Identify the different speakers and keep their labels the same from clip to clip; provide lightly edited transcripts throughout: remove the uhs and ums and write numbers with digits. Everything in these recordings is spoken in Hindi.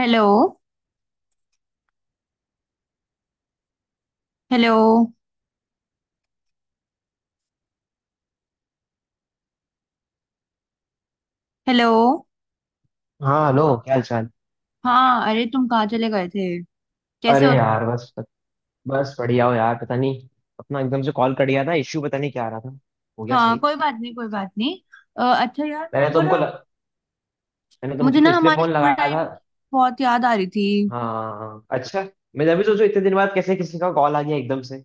Speaker 1: हेलो। हेलो। हेलो।
Speaker 2: हाँ, हेलो। क्या हाल चाल।
Speaker 1: हाँ, अरे तुम कहाँ चले गए थे? कैसे
Speaker 2: अरे
Speaker 1: हो तुम?
Speaker 2: यार, बस। बस बढ़िया हो यार, पता नहीं। अपना एकदम से कॉल कर दिया था, इश्यू पता नहीं क्या आ रहा था। हो गया
Speaker 1: हाँ,
Speaker 2: सही।
Speaker 1: कोई बात नहीं, कोई बात नहीं। अच्छा यार
Speaker 2: मैंने
Speaker 1: मेरे को
Speaker 2: तुमको
Speaker 1: ना
Speaker 2: ल... मैंने
Speaker 1: मुझे
Speaker 2: तुमको
Speaker 1: ना
Speaker 2: इसलिए
Speaker 1: हमारे
Speaker 2: फोन
Speaker 1: स्कूल
Speaker 2: लगाया था।
Speaker 1: टाइम की बहुत याद आ रही थी।
Speaker 2: हाँ, अच्छा। मैं अभी सोचू इतने दिन बाद कैसे किसी का कॉल आ गया एकदम से।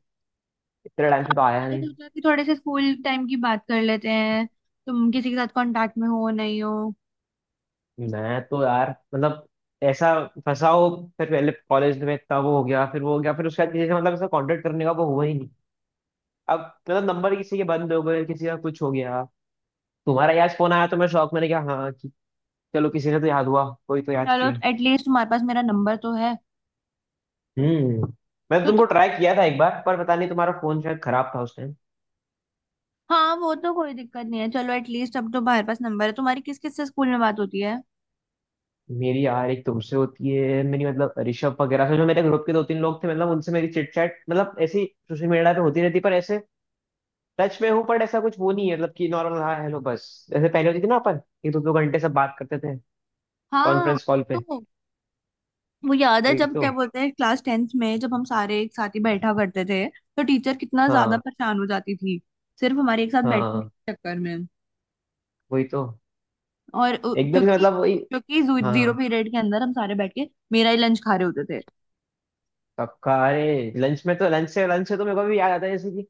Speaker 2: इतने टाइम से तो आया
Speaker 1: मैंने
Speaker 2: नहीं।
Speaker 1: सोचा कि थोड़े से स्कूल टाइम की बात कर लेते हैं। तुम किसी के साथ कांटेक्ट में हो नहीं हो?
Speaker 2: मैं तो यार मतलब। ऐसा। फंसा हो। फिर पहले कॉलेज में इतना वो हो गया फिर वो हो गया फिर उसके बाद किसी से मतलब ऐसा कांटेक्ट करने का वो हुआ ही नहीं। अब। मतलब नंबर किसी के बंद हो गए किसी का कुछ हो गया। तुम्हारा यार फोन आया तो मैं शौक मैंने कहा हाँ। चलो किसी से तो याद हुआ कोई तो याद
Speaker 1: चलो
Speaker 2: किया।
Speaker 1: एटलीस्ट तुम्हारे पास मेरा नंबर तो है।
Speaker 2: हम्म। मैं
Speaker 1: तो
Speaker 2: तुमको
Speaker 1: तुम
Speaker 2: ट्राई किया था एक बार, पर पता नहीं तुम्हारा फोन शायद खराब था उस टाइम।
Speaker 1: हाँ, वो तो कोई दिक्कत नहीं है। चलो एटलीस्ट अब तो तुम्हारे पास नंबर है। तुम्हारी किस किस से स्कूल में बात होती है?
Speaker 2: मेरी यार एक तुमसे होती है, मेरी मतलब ऋषभ वगैरह से, जो मेरे ग्रुप के दो तीन लोग थे मतलब उनसे, मेरी चिट चैट मतलब ऐसी सोशल मीडिया पे होती रहती, पर ऐसे टच में हूँ पर ऐसा कुछ वो नहीं है। मतलब कि नॉर्मल हाँ हेलो बस। जैसे पहले होती थी ना अपन एक 2-2 घंटे सब बात करते थे
Speaker 1: हाँ,
Speaker 2: कॉन्फ्रेंस कॉल पे।
Speaker 1: तो वो याद है
Speaker 2: वही
Speaker 1: जब
Speaker 2: तो।
Speaker 1: क्या बोलते हैं क्लास 10th में जब हम सारे एक साथ ही बैठा करते थे तो टीचर कितना ज्यादा
Speaker 2: हाँ।
Speaker 1: परेशान हो जाती थी, सिर्फ हमारे एक साथ बैठने
Speaker 2: हाँ,
Speaker 1: के चक्कर में।
Speaker 2: वही तो।
Speaker 1: और
Speaker 2: एकदम से
Speaker 1: क्योंकि
Speaker 2: मतलब वही।
Speaker 1: क्योंकि जीरो
Speaker 2: हाँ।
Speaker 1: पीरियड के अंदर हम सारे बैठ के मेरा ही लंच खा रहे होते थे।
Speaker 2: कब का, अरे लंच में तो लंच से तो मेरे को भी याद आता है, जैसे कि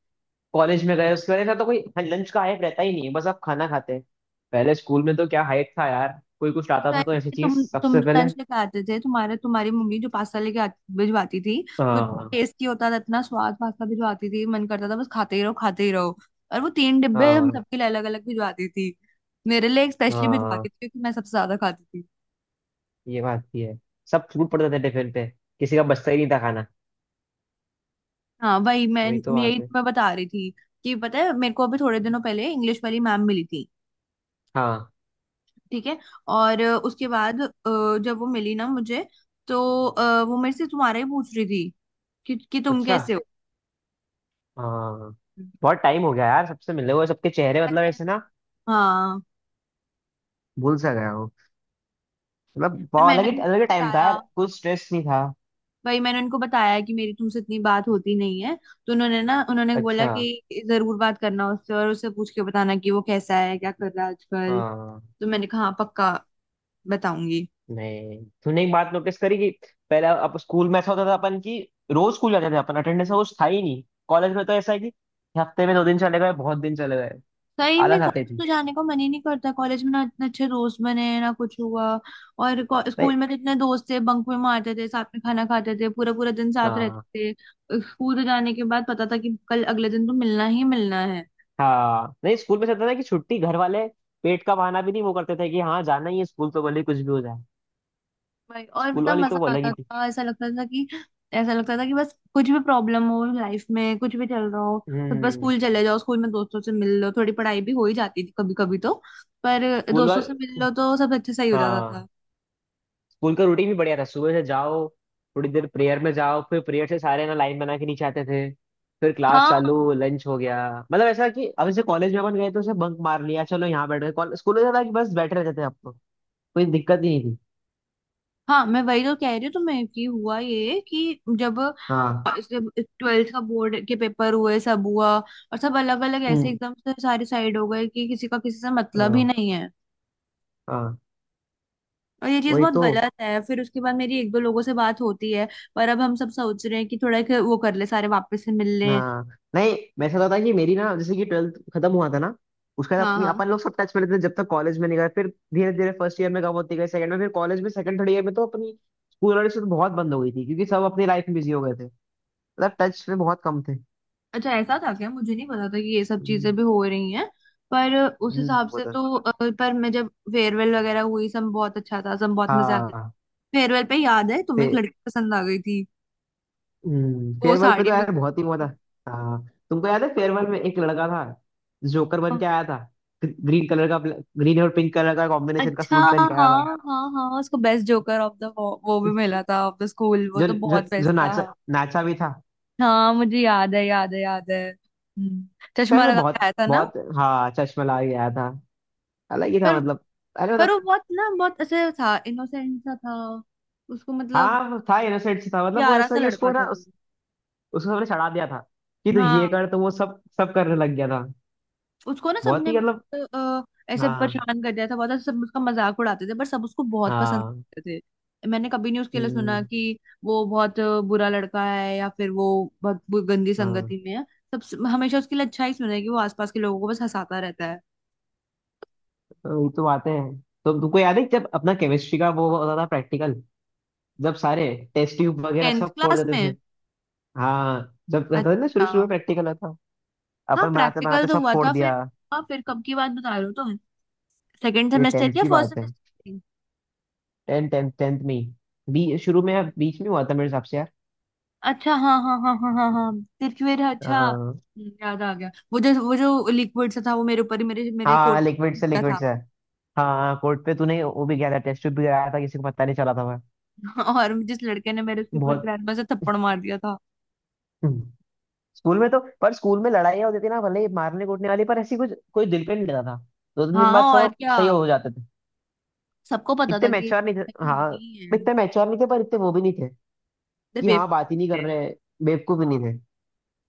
Speaker 2: कॉलेज में गए उसके बाद ऐसा तो कोई लंच का हाइप रहता ही नहीं है, बस आप खाना खाते हैं। पहले स्कूल में तो क्या हाइप था यार, कोई कुछ लाता था तो ऐसी
Speaker 1: पहले
Speaker 2: चीज
Speaker 1: तुम
Speaker 2: सबसे पहले।
Speaker 1: लंच लेके आते थे, तुम्हारे तुम्हारी मम्मी जो पास्ता लेके भिजवाती थी। वो
Speaker 2: हाँ।
Speaker 1: टेस्टी होता था, इतना स्वाद पास्ता भिजवाती थी, मन करता था बस खाते ही रहो खाते ही रहो। और वो तीन डिब्बे हम
Speaker 2: हाँ।
Speaker 1: सबके लिए अलग अलग भिजवाती थी, मेरे लिए स्पेशली
Speaker 2: हाँ,
Speaker 1: भिजवाती थी क्योंकि मैं सबसे ज्यादा खाती थी।
Speaker 2: ये बात भी है। सब छूट पड़ते थे टिफिन पे। किसी का बचता ही नहीं था खाना।
Speaker 1: हाँ वही मैं
Speaker 2: वही तो
Speaker 1: मैं
Speaker 2: बात
Speaker 1: यही
Speaker 2: है।
Speaker 1: मैं बता रही थी कि पता है मेरे को अभी थोड़े दिनों पहले इंग्लिश वाली मैम मिली थी,
Speaker 2: हाँ,
Speaker 1: ठीक है। और उसके बाद जब वो मिली ना मुझे तो वो मेरे से तुम्हारा ही पूछ रही थी कि तुम
Speaker 2: अच्छा।
Speaker 1: कैसे हो।
Speaker 2: हाँ। बहुत टाइम हो गया यार सबसे मिले हुए, सबके चेहरे
Speaker 1: पर
Speaker 2: मतलब
Speaker 1: मैं-
Speaker 2: ऐसे ना
Speaker 1: हाँ,
Speaker 2: भूल सा गया हूँ। मतलब
Speaker 1: पर
Speaker 2: बहुत अलग
Speaker 1: मैंने
Speaker 2: ही अलग ही
Speaker 1: उनको
Speaker 2: टाइम था
Speaker 1: बताया,
Speaker 2: यार, कुछ स्ट्रेस नहीं था।
Speaker 1: भाई मैंने उनको बताया कि मेरी तुमसे इतनी बात होती नहीं है। तो उन्होंने ना उन्होंने बोला
Speaker 2: अच्छा।
Speaker 1: कि जरूर बात करना उससे और उससे पूछ के बताना कि वो कैसा है क्या कर रहा है आजकल।
Speaker 2: हाँ।
Speaker 1: तो मैंने कहा हाँ पक्का, बताऊंगी।
Speaker 2: नहीं, तूने एक बात नोटिस करी कि पहले अब स्कूल में ऐसा होता था अपन की, रोज स्कूल जाते थे अपन, अटेंडेंस रोज था ही नहीं। कॉलेज में तो ऐसा है कि हफ्ते में 2 दिन चले गए बहुत दिन चले गए।
Speaker 1: सही में
Speaker 2: आलस आती
Speaker 1: कॉलेज
Speaker 2: थी।
Speaker 1: तो जाने का मन ही नहीं करता, कॉलेज में ना इतने अच्छे दोस्त बने हैं ना कुछ हुआ।
Speaker 2: नहीं।
Speaker 1: स्कूल में तो इतने दोस्त थे, बंक में मारते थे, साथ में खाना खाते थे, पूरा पूरा दिन साथ
Speaker 2: हाँ।
Speaker 1: रहते थे। स्कूल से जाने के बाद पता था कि कल अगले दिन तो मिलना ही मिलना है।
Speaker 2: हाँ, नहीं, स्कूल में ऐसा होता था कि छुट्टी घर वाले पेट का बहाना भी नहीं वो करते थे, कि हाँ जाना ही है स्कूल तो, भले ही कुछ भी हो जाए।
Speaker 1: भाई और
Speaker 2: स्कूल
Speaker 1: इतना
Speaker 2: वाली तो
Speaker 1: मजा
Speaker 2: वो अलग
Speaker 1: आता
Speaker 2: ही थी।
Speaker 1: था। ऐसा लगता था कि बस कुछ भी प्रॉब्लम हो लाइफ में, कुछ भी चल रहा हो तो बस
Speaker 2: हम्म।
Speaker 1: स्कूल चले जाओ, स्कूल में दोस्तों से मिल लो, थोड़ी पढ़ाई भी हो ही जाती थी कभी कभी तो। पर
Speaker 2: स्कूल
Speaker 1: दोस्तों से
Speaker 2: वाले।
Speaker 1: मिल लो तो सब अच्छे, सही हो जाता
Speaker 2: हाँ।
Speaker 1: था।
Speaker 2: स्कूल का रूटीन भी बढ़िया था, सुबह से जाओ, थोड़ी देर प्रेयर में जाओ, फिर प्रेयर से सारे ना लाइन बना के नीचे आते थे। फिर क्लास
Speaker 1: हाँ,
Speaker 2: चालू, लंच हो गया। मतलब ऐसा कि अब जैसे कॉलेज में अपन गए तो उसे बंक मार लिया चलो यहाँ बैठ गए, स्कूल में था कि बस बैठे रहते थे आपको, कोई दिक्कत ही नहीं थी।
Speaker 1: हाँ, मैं वही तो कह रही हूँ तुम्हें कि हुआ ये कि जब
Speaker 2: हाँ।
Speaker 1: 12th का बोर्ड के पेपर हुए, सब हुआ और सब अलग अलग ऐसे
Speaker 2: हम्म।
Speaker 1: एकदम से सारे साइड हो गए कि किसी का किसी से मतलब ही
Speaker 2: हाँ।
Speaker 1: नहीं है।
Speaker 2: हाँ,
Speaker 1: और ये चीज
Speaker 2: वही
Speaker 1: बहुत
Speaker 2: तो।
Speaker 1: गलत है। फिर उसके बाद मेरी एक दो लोगों से बात होती है, पर अब हम सब सोच रहे हैं कि थोड़ा एक वो कर ले, सारे वापस से मिल लें।
Speaker 2: हाँ, नहीं, मैं ऐसा होता है कि मेरी ना, जैसे कि ट्वेल्थ खत्म हुआ था ना, उसके बाद
Speaker 1: हाँ,
Speaker 2: अपनी
Speaker 1: हाँ,
Speaker 2: अपन लोग सब टच में रहते थे, जब तक कॉलेज में नहीं गए। फिर धीरे धीरे फर्स्ट ईयर में कम होती गई, सेकंड में, फिर कॉलेज में सेकंड थर्ड ईयर में तो अपनी स्कूल वाली तो बहुत बंद हो गई थी, क्योंकि सब अपनी लाइफ में बिजी हो गए थे। मतलब टच में बहुत कम थे।
Speaker 1: अच्छा ऐसा था क्या? मुझे नहीं पता था कि ये सब
Speaker 2: हम्म।
Speaker 1: चीजें भी हो रही हैं। पर उस हिसाब
Speaker 2: वो
Speaker 1: से
Speaker 2: तो।
Speaker 1: तो पर मैं, जब फेयरवेल वगैरह हुई, सब बहुत अच्छा था, सब बहुत मजा आया।
Speaker 2: हाँ।
Speaker 1: फेयरवेल पे याद है
Speaker 2: फे,
Speaker 1: तुम्हें एक लड़की पसंद आ गई थी, वो
Speaker 2: फेयरवेल पे तो
Speaker 1: साड़ी में
Speaker 2: यार बहुत ही हुआ था।
Speaker 1: थी।
Speaker 2: हाँ। तुमको याद है फेयरवेल में एक लड़का था, जोकर बन
Speaker 1: हाँ,
Speaker 2: के आया था। ग्रीन कलर का, ग्रीन और पिंक कलर का कॉम्बिनेशन का
Speaker 1: अच्छा,
Speaker 2: सूट
Speaker 1: हाँ
Speaker 2: पहन के आया था।
Speaker 1: हाँ हाँ हाँ, उसको बेस्ट जोकर ऑफ द वो भी मिला था ऑफ द स्कूल, वो
Speaker 2: जो
Speaker 1: तो
Speaker 2: जो
Speaker 1: बहुत
Speaker 2: जो
Speaker 1: बेस्ट था।
Speaker 2: नाचा
Speaker 1: हाँ,
Speaker 2: नाचा भी था।
Speaker 1: हाँ मुझे याद है, याद है, याद है।
Speaker 2: उस टाइम
Speaker 1: चश्मा
Speaker 2: तो
Speaker 1: लगा
Speaker 2: बहुत
Speaker 1: के आया था ना?
Speaker 2: बहुत, हाँ, चश्मा लगा के आया था। अलग ही था
Speaker 1: पर
Speaker 2: मतलब। अरे
Speaker 1: पर
Speaker 2: मतलब।
Speaker 1: वो बहुत ना बहुत ऐसे था, इनोसेंट सा था, उसको मतलब
Speaker 2: हाँ, वो था, इनोसेंट था, मतलब वो
Speaker 1: प्यारा
Speaker 2: ऐसा
Speaker 1: सा
Speaker 2: ही, उसको
Speaker 1: लड़का था
Speaker 2: ना
Speaker 1: वो।
Speaker 2: उसको हमने चढ़ा दिया था, कि तू ये
Speaker 1: हाँ,
Speaker 2: कर, तो वो सब सब करने लग गया था।
Speaker 1: उसको ना
Speaker 2: बहुत
Speaker 1: सबने
Speaker 2: ही मतलब।
Speaker 1: अ, ऐसे
Speaker 2: हाँ।
Speaker 1: परेशान कर दिया था बहुत, सब उसका मजाक उड़ाते थे पर सब उसको बहुत पसंद
Speaker 2: हाँ।
Speaker 1: करते थे। मैंने कभी नहीं उसके लिए
Speaker 2: हम्म,
Speaker 1: सुना कि वो बहुत बुरा लड़का है या फिर वो बहुत गंदी
Speaker 2: हाँ,
Speaker 1: संगति में है। सब हमेशा उसके लिए अच्छा ही सुना है, कि वो आसपास के लोगों को बस हंसाता रहता है।
Speaker 2: तो ये तो बातें हैं। तो तुमको याद है जब अपना केमिस्ट्री का वो होता था प्रैक्टिकल, जब सारे टेस्ट ट्यूब वगैरह
Speaker 1: 10th
Speaker 2: सब फोड़
Speaker 1: क्लास
Speaker 2: देते थे।
Speaker 1: में।
Speaker 2: हाँ। जब रहता था ना शुरू
Speaker 1: अच्छा,
Speaker 2: शुरू में प्रैक्टिकल होता,
Speaker 1: हाँ
Speaker 2: अपन बनाते
Speaker 1: प्रैक्टिकल
Speaker 2: बनाते
Speaker 1: तो
Speaker 2: सब
Speaker 1: हुआ
Speaker 2: फोड़
Speaker 1: था
Speaker 2: दिया।
Speaker 1: फिर। हाँ फिर कब की बात बता रहे हो तुम? सेकेंड
Speaker 2: ये
Speaker 1: सेमेस्टर
Speaker 2: टेंथ
Speaker 1: या
Speaker 2: की
Speaker 1: फर्स्ट
Speaker 2: बात है।
Speaker 1: सेमेस्टर?
Speaker 2: टेंथ टेंथ टेंथ में ही, बी शुरू में या बीच में हुआ था मेरे हिसाब से यार।
Speaker 1: अच्छा, हाँ हाँ हाँ हाँ हाँ हाँ। तिरकवेर है, अच्छा।
Speaker 2: हाँ।
Speaker 1: याद आ गया वो जो लिक्विड सा था वो मेरे ऊपर ही मेरे मेरे
Speaker 2: हाँ,
Speaker 1: कोट
Speaker 2: लिक्विड से
Speaker 1: का
Speaker 2: लिक्विड
Speaker 1: था।
Speaker 2: से हाँ, कोर्ट पे तूने वो भी किया था, टेस्ट ट्यूब भी कराया था, किसी को पता नहीं चला था वह।
Speaker 1: और जिस लड़के ने मेरे उसके ऊपर
Speaker 2: बहुत।
Speaker 1: ग्रैंड से थप्पड़ मार दिया था।
Speaker 2: हम्म। स्कूल में तो, पर स्कूल में लड़ाइयाँ होती थी ना, भले ही मारने कूटने वाली, पर ऐसी कुछ कोई दिल पे नहीं लेता था। दो तीन दिन
Speaker 1: हाँ
Speaker 2: बाद
Speaker 1: और
Speaker 2: सब
Speaker 1: क्या,
Speaker 2: सही हो जाते थे।
Speaker 1: सबको पता
Speaker 2: इतने
Speaker 1: था कि
Speaker 2: मैच्योर नहीं थे, हाँ।
Speaker 1: होनी है,
Speaker 2: इतने मैच्योर नहीं थे, पर इतने वो भी नहीं थे
Speaker 1: तो
Speaker 2: कि हाँ
Speaker 1: बेवकूफ
Speaker 2: बात ही नहीं कर
Speaker 1: थे।
Speaker 2: रहे। बेवकूफ भी नहीं थे।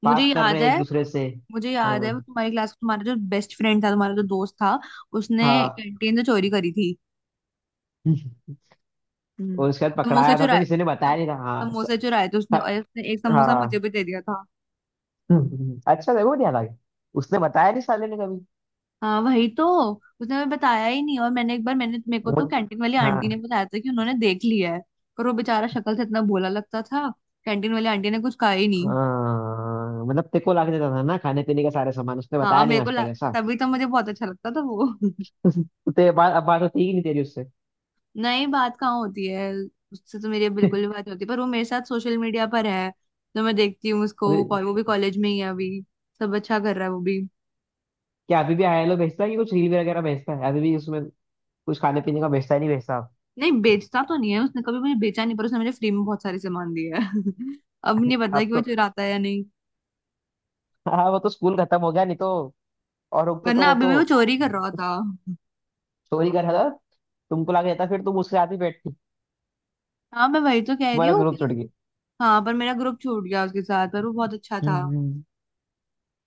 Speaker 1: मुझे
Speaker 2: बात कर रहे
Speaker 1: याद
Speaker 2: हैं
Speaker 1: है
Speaker 2: एक दूसरे से।
Speaker 1: मुझे याद
Speaker 2: हाँ।
Speaker 1: है वो तुम्हारी क्लास का तुम्हारा जो बेस्ट फ्रेंड था, तुम्हारा जो दोस्त था, उसने
Speaker 2: हाँ।
Speaker 1: कैंटीन से चोरी करी थी। हम्म।
Speaker 2: और उसके बाद
Speaker 1: समोसे
Speaker 2: पकड़ाया था तो
Speaker 1: चुराए।
Speaker 2: किसी ने बताया
Speaker 1: सम-
Speaker 2: नहीं था, हाँ।
Speaker 1: समोसे चुराए थे उसने, और उसने एक समोसा मुझे
Speaker 2: हाँ।
Speaker 1: भी दे दिया था।
Speaker 2: अच्छा, वो नहीं अलग। उसने बताया नहीं साले ने कभी।
Speaker 1: हाँ वही तो, उसने हमें बताया ही नहीं। और मैंने एक बार, मैंने मेरे को
Speaker 2: वो।
Speaker 1: तो कैंटीन वाली आंटी ने
Speaker 2: हाँ।
Speaker 1: बताया था कि उन्होंने देख लिया है, पर वो बेचारा शक्ल से इतना भोला लगता था, कैंटीन वाली आंटी ने कुछ कहा ही नहीं।
Speaker 2: हाँ, मतलब तेरे को ला के देता था ना खाने पीने का सारे सामान, उसने
Speaker 1: हाँ,
Speaker 2: बताया नहीं आज तक ऐसा।
Speaker 1: तभी तो मुझे बहुत अच्छा लगता था वो।
Speaker 2: तो तेरे बात अब बात होती ही नहीं तेरी उससे।
Speaker 1: नहीं, बात कहाँ होती है, उससे तो मेरी बिल्कुल भी बात नहीं होती, पर वो मेरे साथ सोशल मीडिया पर है, तो मैं देखती हूँ उसको।
Speaker 2: अभी
Speaker 1: वो भी कॉलेज में ही है अभी, सब अच्छा कर रहा है वो भी।
Speaker 2: क्या अभी भी हेलो भेजता है कि कुछ रील वगैरह भेजता है अभी भी उसमें। कुछ खाने पीने का भेजता है, नहीं भेजता अब।
Speaker 1: नहीं बेचता तो नहीं है, उसने कभी मुझे बेचा नहीं, पर उसने मुझे फ्री में बहुत सारे सामान दिया है। अब नहीं पता
Speaker 2: अब
Speaker 1: कि वो
Speaker 2: तो,
Speaker 1: चुराता है या नहीं,
Speaker 2: हाँ, वो तो स्कूल खत्म हो गया, नहीं तो और रुकते तो
Speaker 1: वरना
Speaker 2: वो
Speaker 1: अभी
Speaker 2: तो
Speaker 1: भी वो चोरी कर रहा था।
Speaker 2: चोरी कर रहा था। तुमको लाके देता फिर तुम उसके साथ ही बैठती।
Speaker 1: हाँ मैं वही तो कह रही
Speaker 2: तुम्हारा
Speaker 1: हूँ
Speaker 2: ग्रुप
Speaker 1: कि
Speaker 2: छुट
Speaker 1: हाँ, पर मेरा ग्रुप छूट गया उसके साथ, पर वो बहुत अच्छा था।
Speaker 2: गया।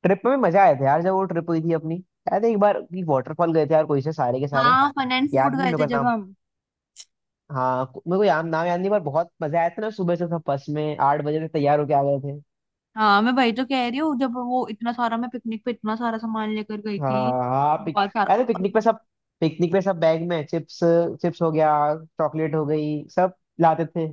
Speaker 2: ट्रिप में मजा आया था यार, जब वो ट्रिप हुई थी अपनी। याद है एक बार की वाटरफॉल गए थे यार कोई से सारे के सारे,
Speaker 1: हाँ, फन एंड
Speaker 2: याद
Speaker 1: फूड
Speaker 2: नहीं
Speaker 1: गए
Speaker 2: मेरे
Speaker 1: थे
Speaker 2: को
Speaker 1: जब
Speaker 2: नाम।
Speaker 1: हम।
Speaker 2: हाँ मेरे को याद नाम याद नहीं, पर बहुत मजा आया था ना, सुबह से सब बस में 8 बजे से तैयार होके आ गए थे।
Speaker 1: हाँ मैं वही तो कह रही हूँ, जब वो इतना सारा, मैं पिकनिक पे इतना सारा सामान लेकर गई थी,
Speaker 2: हाँ। हाँ पिक
Speaker 1: बहुत
Speaker 2: याद
Speaker 1: सारा
Speaker 2: है पिकनिक पे सब, पिकनिक पे सब बैग में चिप्स, चिप्स हो गया, चॉकलेट हो गई, सब लाते थे,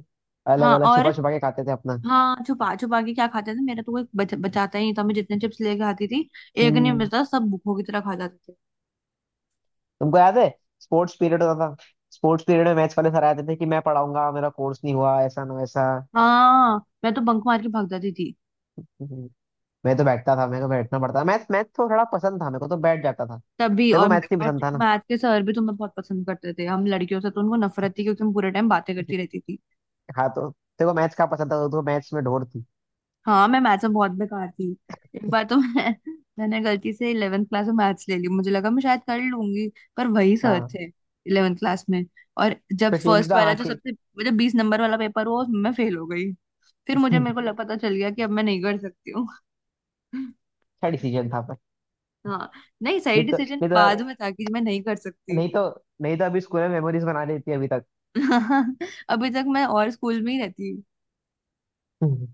Speaker 2: अलग
Speaker 1: हाँ,
Speaker 2: अलग
Speaker 1: और
Speaker 2: छुपा छुपा के खाते थे अपना।
Speaker 1: हाँ छुपा छुपा के क्या खाते थे, मेरा तो कोई बचाता ही नहीं था। मैं जितने चिप्स लेके आती थी, एक नहीं
Speaker 2: हम्म।
Speaker 1: बचता, सब भूखों की तरह खा जाते थे।
Speaker 2: तुमको याद है स्पोर्ट्स पीरियड होता था, स्पोर्ट्स पीरियड में मैथ्स वाले सर आते थे कि मैं पढ़ाऊंगा मेरा कोर्स नहीं हुआ, ऐसा ना वैसा।
Speaker 1: हाँ, मैं तो बंक मार के भाग जाती थी।
Speaker 2: मैं तो बैठता था, मेरे को बैठना पड़ता था, मैथ मैथ तो थोड़ा पसंद था मेरे को, तो बैठ जाता था।
Speaker 1: तभी।
Speaker 2: देखो
Speaker 1: और
Speaker 2: मैथ्स नहीं
Speaker 1: और
Speaker 2: पसंद था ना।
Speaker 1: मैथ के सर भी तुम्हें बहुत पसंद करते थे, हम लड़कियों से तो उनको नफरत थी क्योंकि हम पूरे टाइम बातें करती रहती थी।
Speaker 2: हाँ, तो देखो मैथ्स का पसंद था तो मैथ्स में ढोर थी।
Speaker 1: हाँ मैं मैथ्स में बहुत बेकार थी। एक बार तो मैं मैंने गलती से 11th क्लास में मैथ्स ले ली, मुझे लगा मैं शायद कर लूंगी, पर वही सर
Speaker 2: हाँ,
Speaker 1: थे 11th क्लास में। और जब
Speaker 2: फिर चेंज
Speaker 1: फर्स्ट
Speaker 2: का,
Speaker 1: वाला,
Speaker 2: हाँ,
Speaker 1: जो सबसे वो जो 20 नंबर वाला पेपर हुआ, उसमें मैं फेल हो गई, फिर मुझे पता चल गया कि अब मैं नहीं कर सकती हूँ।
Speaker 2: अच्छा डिसीजन था पर।
Speaker 1: हाँ, नहीं, सही
Speaker 2: नहीं तो
Speaker 1: डिसीजन
Speaker 2: नहीं
Speaker 1: बाद
Speaker 2: तो
Speaker 1: में था कि मैं नहीं कर सकती।
Speaker 2: नहीं तो नहीं तो अभी स्कूल में मेमोरीज बना लेती अभी तक।
Speaker 1: अभी तक मैं और स्कूल में ही रहती।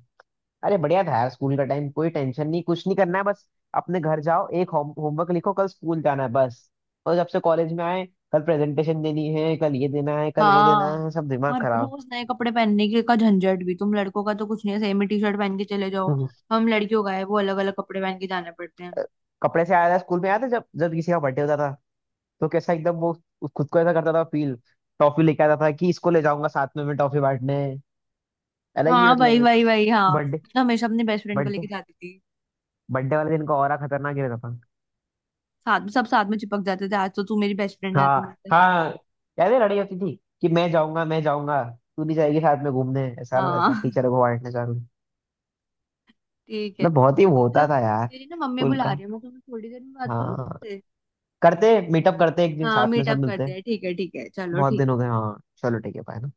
Speaker 2: अरे बढ़िया था यार स्कूल का टाइम, कोई टेंशन नहीं, कुछ नहीं करना है, बस अपने घर जाओ एक होमवर्क लिखो कल स्कूल जाना है बस। और जब से कॉलेज में आए, कल प्रेजेंटेशन देनी है, कल ये देना है, कल वो देना
Speaker 1: हाँ,
Speaker 2: है, सब दिमाग
Speaker 1: और
Speaker 2: खराब।
Speaker 1: रोज नए कपड़े पहनने के का झंझट भी, तुम लड़कों का तो कुछ नहीं है, सेम ही टी शर्ट पहन के चले जाओ।
Speaker 2: हम्म।
Speaker 1: हम लड़कियों का है वो, अलग अलग कपड़े पहन के जाने पड़ते हैं।
Speaker 2: कपड़े से आया था, स्कूल में आया था, जब जब किसी का बर्थडे होता था तो कैसा एकदम वो खुद को ऐसा करता था फील। टॉफी लेके आता था कि इसको ले जाऊंगा साथ में मैं टॉफी बांटने, अलग ही
Speaker 1: हाँ वही
Speaker 2: मतलब।
Speaker 1: वही वही, हाँ
Speaker 2: बर्थडे
Speaker 1: मैं तो हमेशा अपने बेस्ट फ्रेंड को
Speaker 2: बर्थडे
Speaker 1: लेके जाती थी।
Speaker 2: बर्थडे वाले दिन का ऑरा खतरनाक ही रहता था।
Speaker 1: साथ में सब साथ में चिपक जाते थे, आज तो तू मेरी बेस्ट फ्रेंड है,
Speaker 2: हाँ।
Speaker 1: तू मेरी बेस्ट
Speaker 2: हाँ।
Speaker 1: फ्रेंड।
Speaker 2: याद है लड़ाई होती थी कि मैं जाऊंगा, मैं जाऊंगा, तू नहीं जाएगी साथ में घूमने, ऐसा ना वैसा,
Speaker 1: हाँ।
Speaker 2: टीचर को बांटने जाने।
Speaker 1: ठीक है
Speaker 2: मतलब बहुत ही वो
Speaker 1: चलो,
Speaker 2: होता था यार
Speaker 1: मेरी ना मम्मी
Speaker 2: स्कूल
Speaker 1: बुला
Speaker 2: का।
Speaker 1: रही है, मैं तुम्हें थोड़ी देर में बात करूँ
Speaker 2: हाँ।
Speaker 1: तुमसे।
Speaker 2: करते मीटअप करते एक दिन
Speaker 1: हाँ,
Speaker 2: साथ में सब
Speaker 1: मीटअप करते
Speaker 2: मिलते।
Speaker 1: हैं, ठीक है, ठीक है, चलो
Speaker 2: बहुत दिन
Speaker 1: ठीक।
Speaker 2: हो गए, हाँ, चलो ठीक है, बाय।